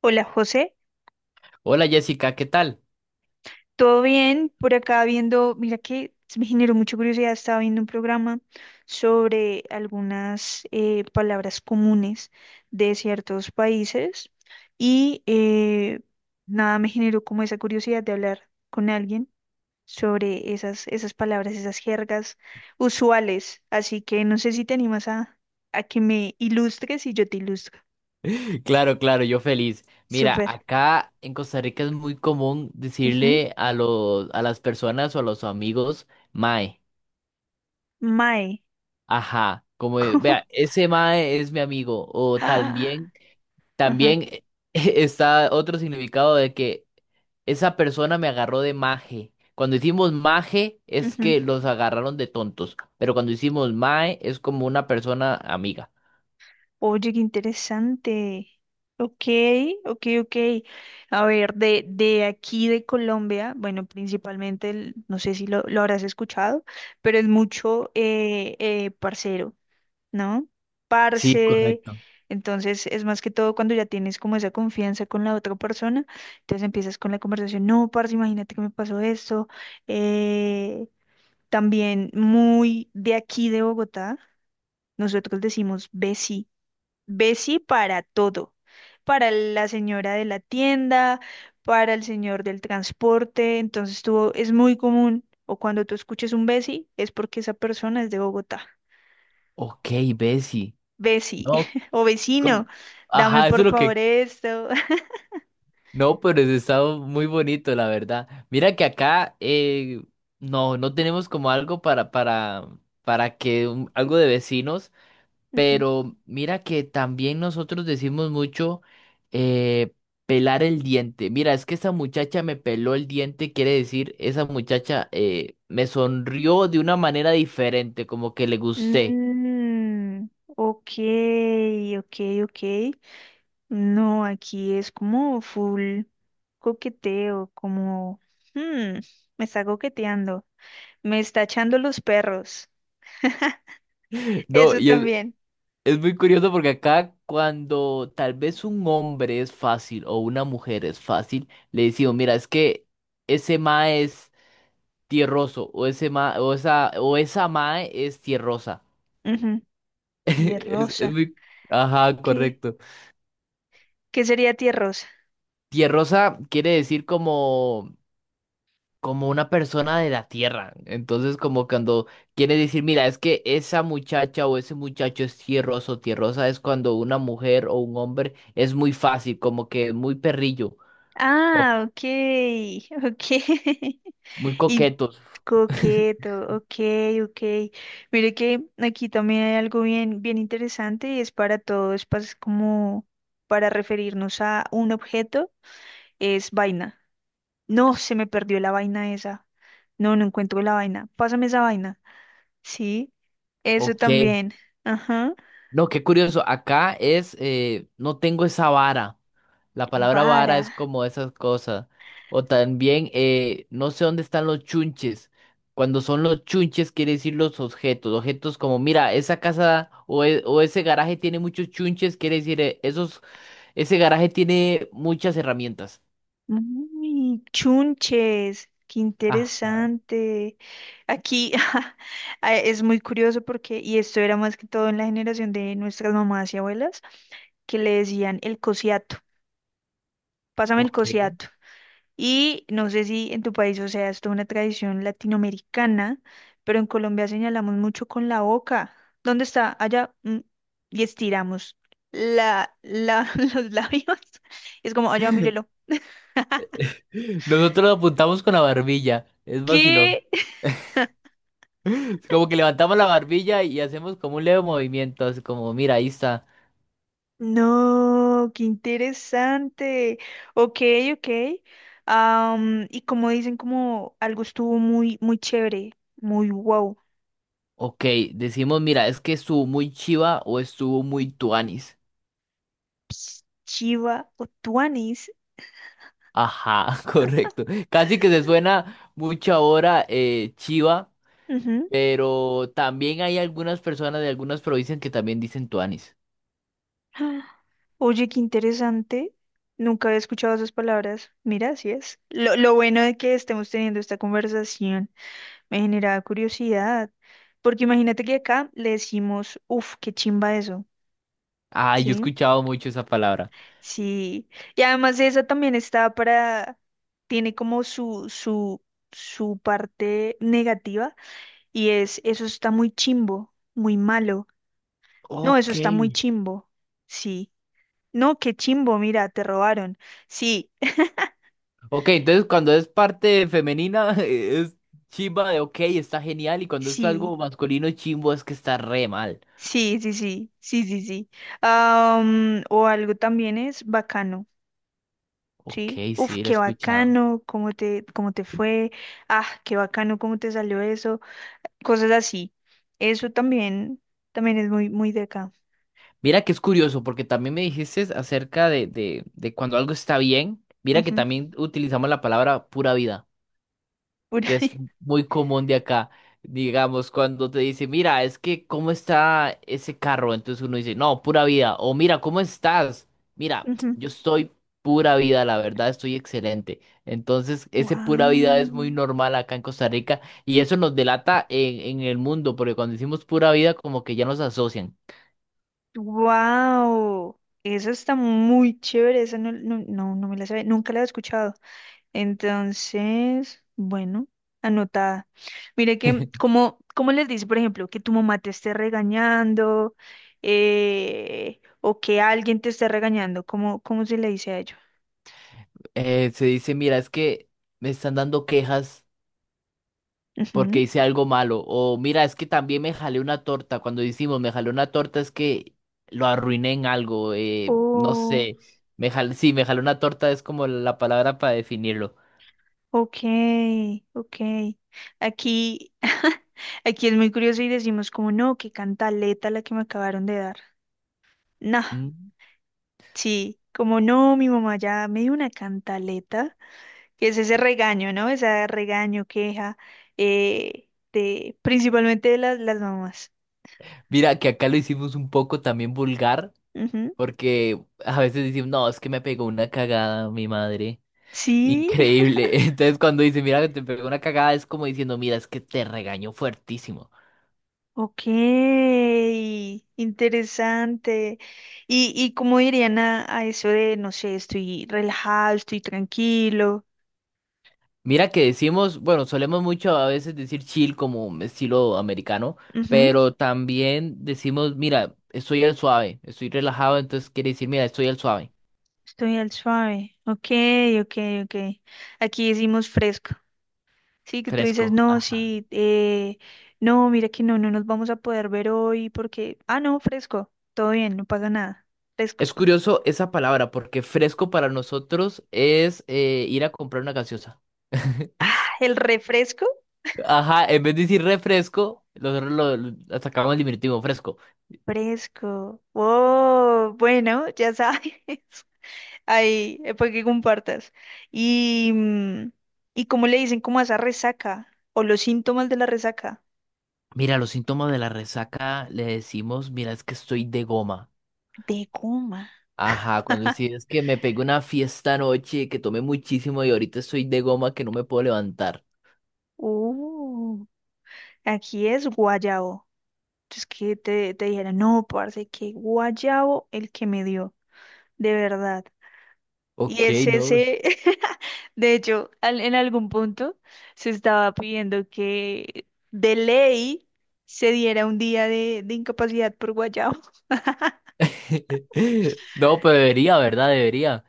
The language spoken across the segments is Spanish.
Hola José, Hola Jessica, ¿qué tal? ¿todo bien? Por acá viendo, mira que me generó mucha curiosidad, estaba viendo un programa sobre algunas palabras comunes de ciertos países y nada, me generó como esa curiosidad de hablar con alguien sobre esas palabras, esas jergas usuales. Así que no sé si te animas a que me ilustres y yo te ilustro. Claro, claro, yo feliz. Mira, Súper. acá en Costa Rica es muy común Ujú. decirle a las personas o a los amigos, mae, Mae. ajá, como de, vea, ese mae es mi amigo. O también, Ajá. también, está otro significado de que esa persona me agarró de maje. Cuando decimos maje es Ujú. que los agarraron de tontos, pero cuando decimos mae es como una persona amiga. Oye, qué interesante. Ok, ok, ok. A ver, de aquí de Colombia, bueno, principalmente, no sé si lo habrás escuchado, pero es mucho parcero, ¿no? Sí, Parce, correcto. entonces es más que todo cuando ya tienes como esa confianza con la otra persona, entonces empiezas con la conversación, no, parce, imagínate que me pasó esto. Eh, también muy de aquí de Bogotá, nosotros decimos besi, Bessie para todo, para la señora de la tienda, para el señor del transporte, entonces tú, es muy común, o cuando tú escuches un Bessie, es porque esa persona es de Bogotá. Ok, Bessie. Bessie, No, o vecino, como... dame Ajá, eso por es lo favor que... esto. No, pero es... está muy bonito, la verdad. Mira que acá no, no tenemos como algo para que un... algo de vecinos, Ujú. pero mira que también nosotros decimos mucho eh, pelar el diente. Mira, es que esa muchacha me peló el diente, quiere decir, esa muchacha me sonrió de una manera diferente, como que le gusté. Mm, ok, ok, ok. No, aquí es como full coqueteo, como, hmm, me está coqueteando, me está echando los perros. No, Eso y es... también. es muy curioso porque acá cuando tal vez un hombre es fácil o una mujer es fácil, le decimos, mira, es que ese ma es tierroso o ese ma o esa ma es tierrosa. Ujú. Es Tierrosa. muy... ajá, ¿Qué, correcto. qué sería tierrosa? Tierrosa quiere decir como como una persona de la tierra. Entonces, como cuando quiere decir, mira, es que esa muchacha o ese muchacho es tierroso, tierrosa es cuando una mujer o un hombre es muy fácil, como que muy perrillo. O... Ah, ok, ok. muy Y coquetos. coqueto, ok, ok. Mire que aquí también hay algo bien, bien interesante y es para todo, es como para referirnos a un objeto, es vaina. No, se me perdió la vaina esa. No, no encuentro la vaina. Pásame esa vaina. Sí, eso Ok. también. Ajá. No, qué curioso. Acá es, no tengo esa vara. La palabra vara Vara. es como esas cosas. O también, no sé dónde están los chunches. Cuando son los chunches, quiere decir los objetos. Objetos como, mira, esa casa o, e... o ese garaje tiene muchos chunches, quiere decir, esos, ese garaje tiene muchas herramientas. Uy, chunches, qué Ah, interesante. Aquí ah, es muy curioso porque, y esto era más que todo en la generación de nuestras mamás y abuelas, que le decían el cosiato, pásame el ok. cosiato. Y no sé si en tu país, o sea, esto es toda una tradición latinoamericana, pero en Colombia señalamos mucho con la boca. ¿Dónde está? Allá. Mm. Y estiramos la, la, los labios. Es como, allá, mírelo. Nosotros lo apuntamos con la barbilla. Es vacilón. ¿Qué? Como que levantamos la barbilla y hacemos como un leve movimiento, así como, mira, ahí está. No, qué interesante. Ok, ok. Am, y como dicen, como algo estuvo muy, muy chévere, muy wow. Ok, decimos, mira, es que estuvo muy chiva o estuvo muy tuanis. Ps, chiva o tuanis. Ajá, correcto. Casi que se suena mucho ahora chiva, Ujú. pero también hay algunas personas de algunas provincias que también dicen tuanis. Ah, oye, qué interesante. Nunca había escuchado esas palabras. Mira, así es. Lo bueno de que estemos teniendo esta conversación me generaba curiosidad. Porque imagínate que acá le decimos, uff, qué chimba eso. Ah, yo he ¿Sí? escuchado mucho esa palabra. Sí, y además esa también está para, tiene como su parte negativa y es, eso está muy chimbo, muy malo. No, eso Ok. está muy chimbo. Sí. No, qué chimbo, mira, te robaron. Sí, Ok, entonces cuando es parte femenina es chiva de ok, está genial, y cuando es sí, algo masculino chimbo es que está re mal. sí, sí, sí, sí, sí, sí. Am, o algo también es bacano, Ok, ¿sí? Uf, sí, lo he qué escuchado. bacano, cómo te fue. Ah, qué bacano, cómo te salió eso. Cosas así. Eso también, también es muy, muy de acá. Mira que es curioso, porque también me dijiste acerca de cuando algo está bien. Mira que Ujú. también utilizamos la palabra pura vida, Por que es ahí. muy común de acá. Digamos, cuando te dice, mira, es que cómo está ese carro, entonces uno dice, no, pura vida. O mira, ¿cómo estás? Mira, Ujú. yo estoy pura vida, la verdad, estoy excelente. Entonces, ese pura vida es muy Wow. normal acá en Costa Rica y eso nos delata en el mundo, porque cuando decimos pura vida, como que ya nos asocian. Wow. Esa está muy chévere. Esa no, no, no, no me la sabía. Nunca la he escuchado. Entonces, bueno, anotada. Mire que, como les dice, por ejemplo, que tu mamá te esté regañando, o que alguien te esté regañando, cómo se le dice a ello? Se dice, mira, es que me están dando quejas porque hice algo malo. O mira, es que también me jalé una torta. Cuando decimos me jalé una torta es que lo arruiné en algo. No Ujú. sé, me jalé, sí, me jalé una torta es como la palabra para definirlo. Ok, ok. Aquí, aquí es muy curioso y decimos como no, qué cantaleta la que me acabaron de dar. No, Mm. sí, como no, mi mamá ya me dio una cantaleta, que es ese regaño, ¿no? Ese regaño, queja, principalmente de las mamás. Mira, que acá lo hicimos un poco también vulgar Ujú. porque a veces decimos, no, es que me pegó una cagada mi madre. Sí, Increíble. Entonces cuando dice, mira, que te pegó una cagada es como diciendo, mira, es que te regañó fuertísimo. ok, interesante. Y cómo dirían a eso de, no sé, estoy relajado, estoy tranquilo. Mira que decimos, bueno, solemos mucho a veces decir chill como un estilo americano, Ujú. pero también decimos, mira, estoy al suave, estoy relajado, entonces quiere decir, mira, estoy al suave, Estoy al suave. Ok, ok, ok. Aquí decimos fresco. Sí, que tú dices, fresco. no, Ajá. sí, no, mira que no, no nos vamos a poder ver hoy porque, ah, no, fresco. Todo bien, no pasa nada. Fresco. Es curioso esa palabra, porque fresco para nosotros es ir a comprar una gaseosa. ¿El refresco? Ajá, en vez de decir refresco, nosotros lo sacamos el diminutivo fresco. Fresco. Oh, bueno, ya sabes. Ahí, para que compartas. Y, mm, ¿y cómo le dicen como a esa resaca? O los síntomas de la resaca. Mira, los síntomas de la resaca le decimos, mira, es que estoy de goma. De coma. Ajá, cuando sí que me pegué una fiesta anoche, que tomé muchísimo y ahorita estoy de goma que no me puedo levantar. Uh. Aquí es guayabo. Entonces que te dijera, no, parce, que guayabo el que me dio, de verdad. Y Ok, es no. ese, de hecho, en algún punto se estaba pidiendo que de ley se diera un día de incapacidad por guayabo. No, pero debería, ¿verdad? Debería.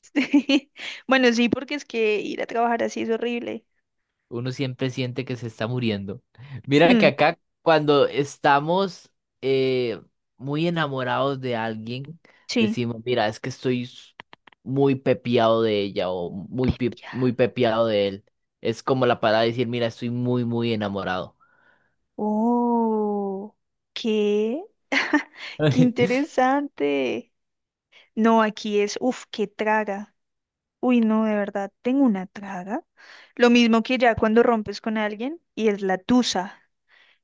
Sí. Bueno, sí, porque es que ir a trabajar así es horrible. Uno siempre siente que se está muriendo. Mira que Mm, acá cuando estamos eh, muy enamorados de alguien, sí. decimos, mira, es que estoy s... muy pepiado de ella o muy, pe... muy pepiado de él. Es como la palabra de decir, mira, estoy muy, muy enamorado. Oh, qué, qué interesante. No, aquí es, uff, qué traga. Uy, no, de verdad, tengo una traga. Lo mismo que ya cuando rompes con alguien y es la tusa.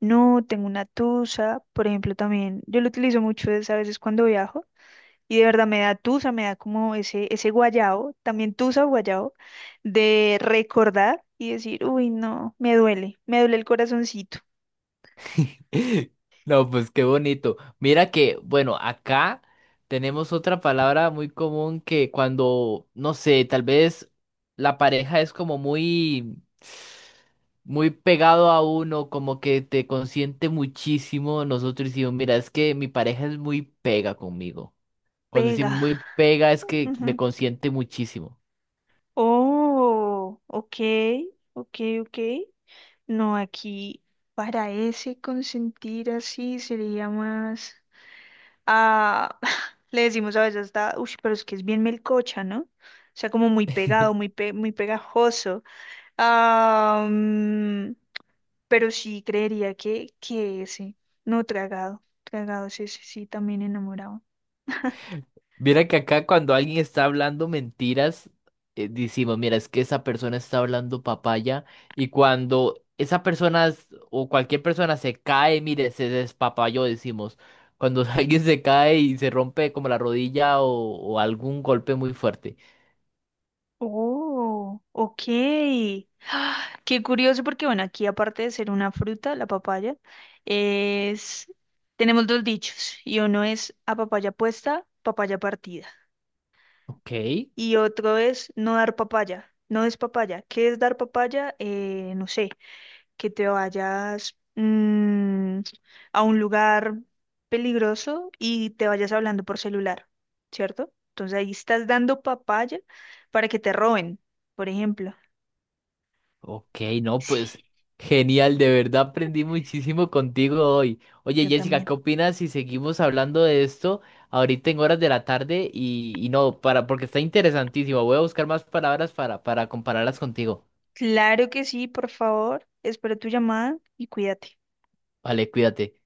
No, tengo una tusa, por ejemplo, también. Yo lo utilizo mucho es a veces cuando viajo y de verdad me da tusa, me da como ese guayao, también tusa o guayao, de recordar y decir, uy, no, me duele el corazoncito. No, pues qué bonito. Mira que, bueno, acá tenemos otra palabra muy común que cuando, no sé, tal vez la pareja es como muy, muy pegado a uno, como que te consiente muchísimo. Nosotros decimos, mira, es que mi pareja es muy pega conmigo. Cuando decimos Pega. muy pega es que me Ujú. consiente muchísimo. Oh, ok, ok, ok. No, aquí para ese consentir así sería más. Ah, le decimos a veces hasta, uy, pero es que es bien melcocha, ¿no? O sea, como muy pegado, muy, muy pegajoso. Ah, mm, pero sí creería que ese, no tragado, tragado, sí, sí, sí, también enamorado. Mira que acá cuando alguien está hablando mentiras, decimos, mira, es que esa persona está hablando papaya y cuando esa persona s... o cualquier persona se cae, mire, se despapayó, decimos. Cuando alguien se cae y se rompe como la rodilla o algún golpe muy fuerte. Oh, ok. Ah, qué curioso porque, bueno, aquí aparte de ser una fruta, la papaya, es... tenemos dos dichos y uno es a papaya puesta, papaya partida. Ok. Y otro es no dar papaya, no es papaya. ¿Qué es dar papaya? No sé, que te vayas mm, a un lugar peligroso y te vayas hablando por celular, ¿cierto? Entonces ahí estás dando papaya para que te roben, por ejemplo. Ok, no, pues Sí, genial, de verdad aprendí muchísimo contigo hoy. Oye, yo Jessica, también. ¿qué opinas si seguimos hablando de esto ahorita en horas de la tarde? Y no, para, porque está interesantísimo. Voy a buscar más palabras para compararlas contigo. Claro que sí, por favor. Espero tu llamada y cuídate. Vale, cuídate.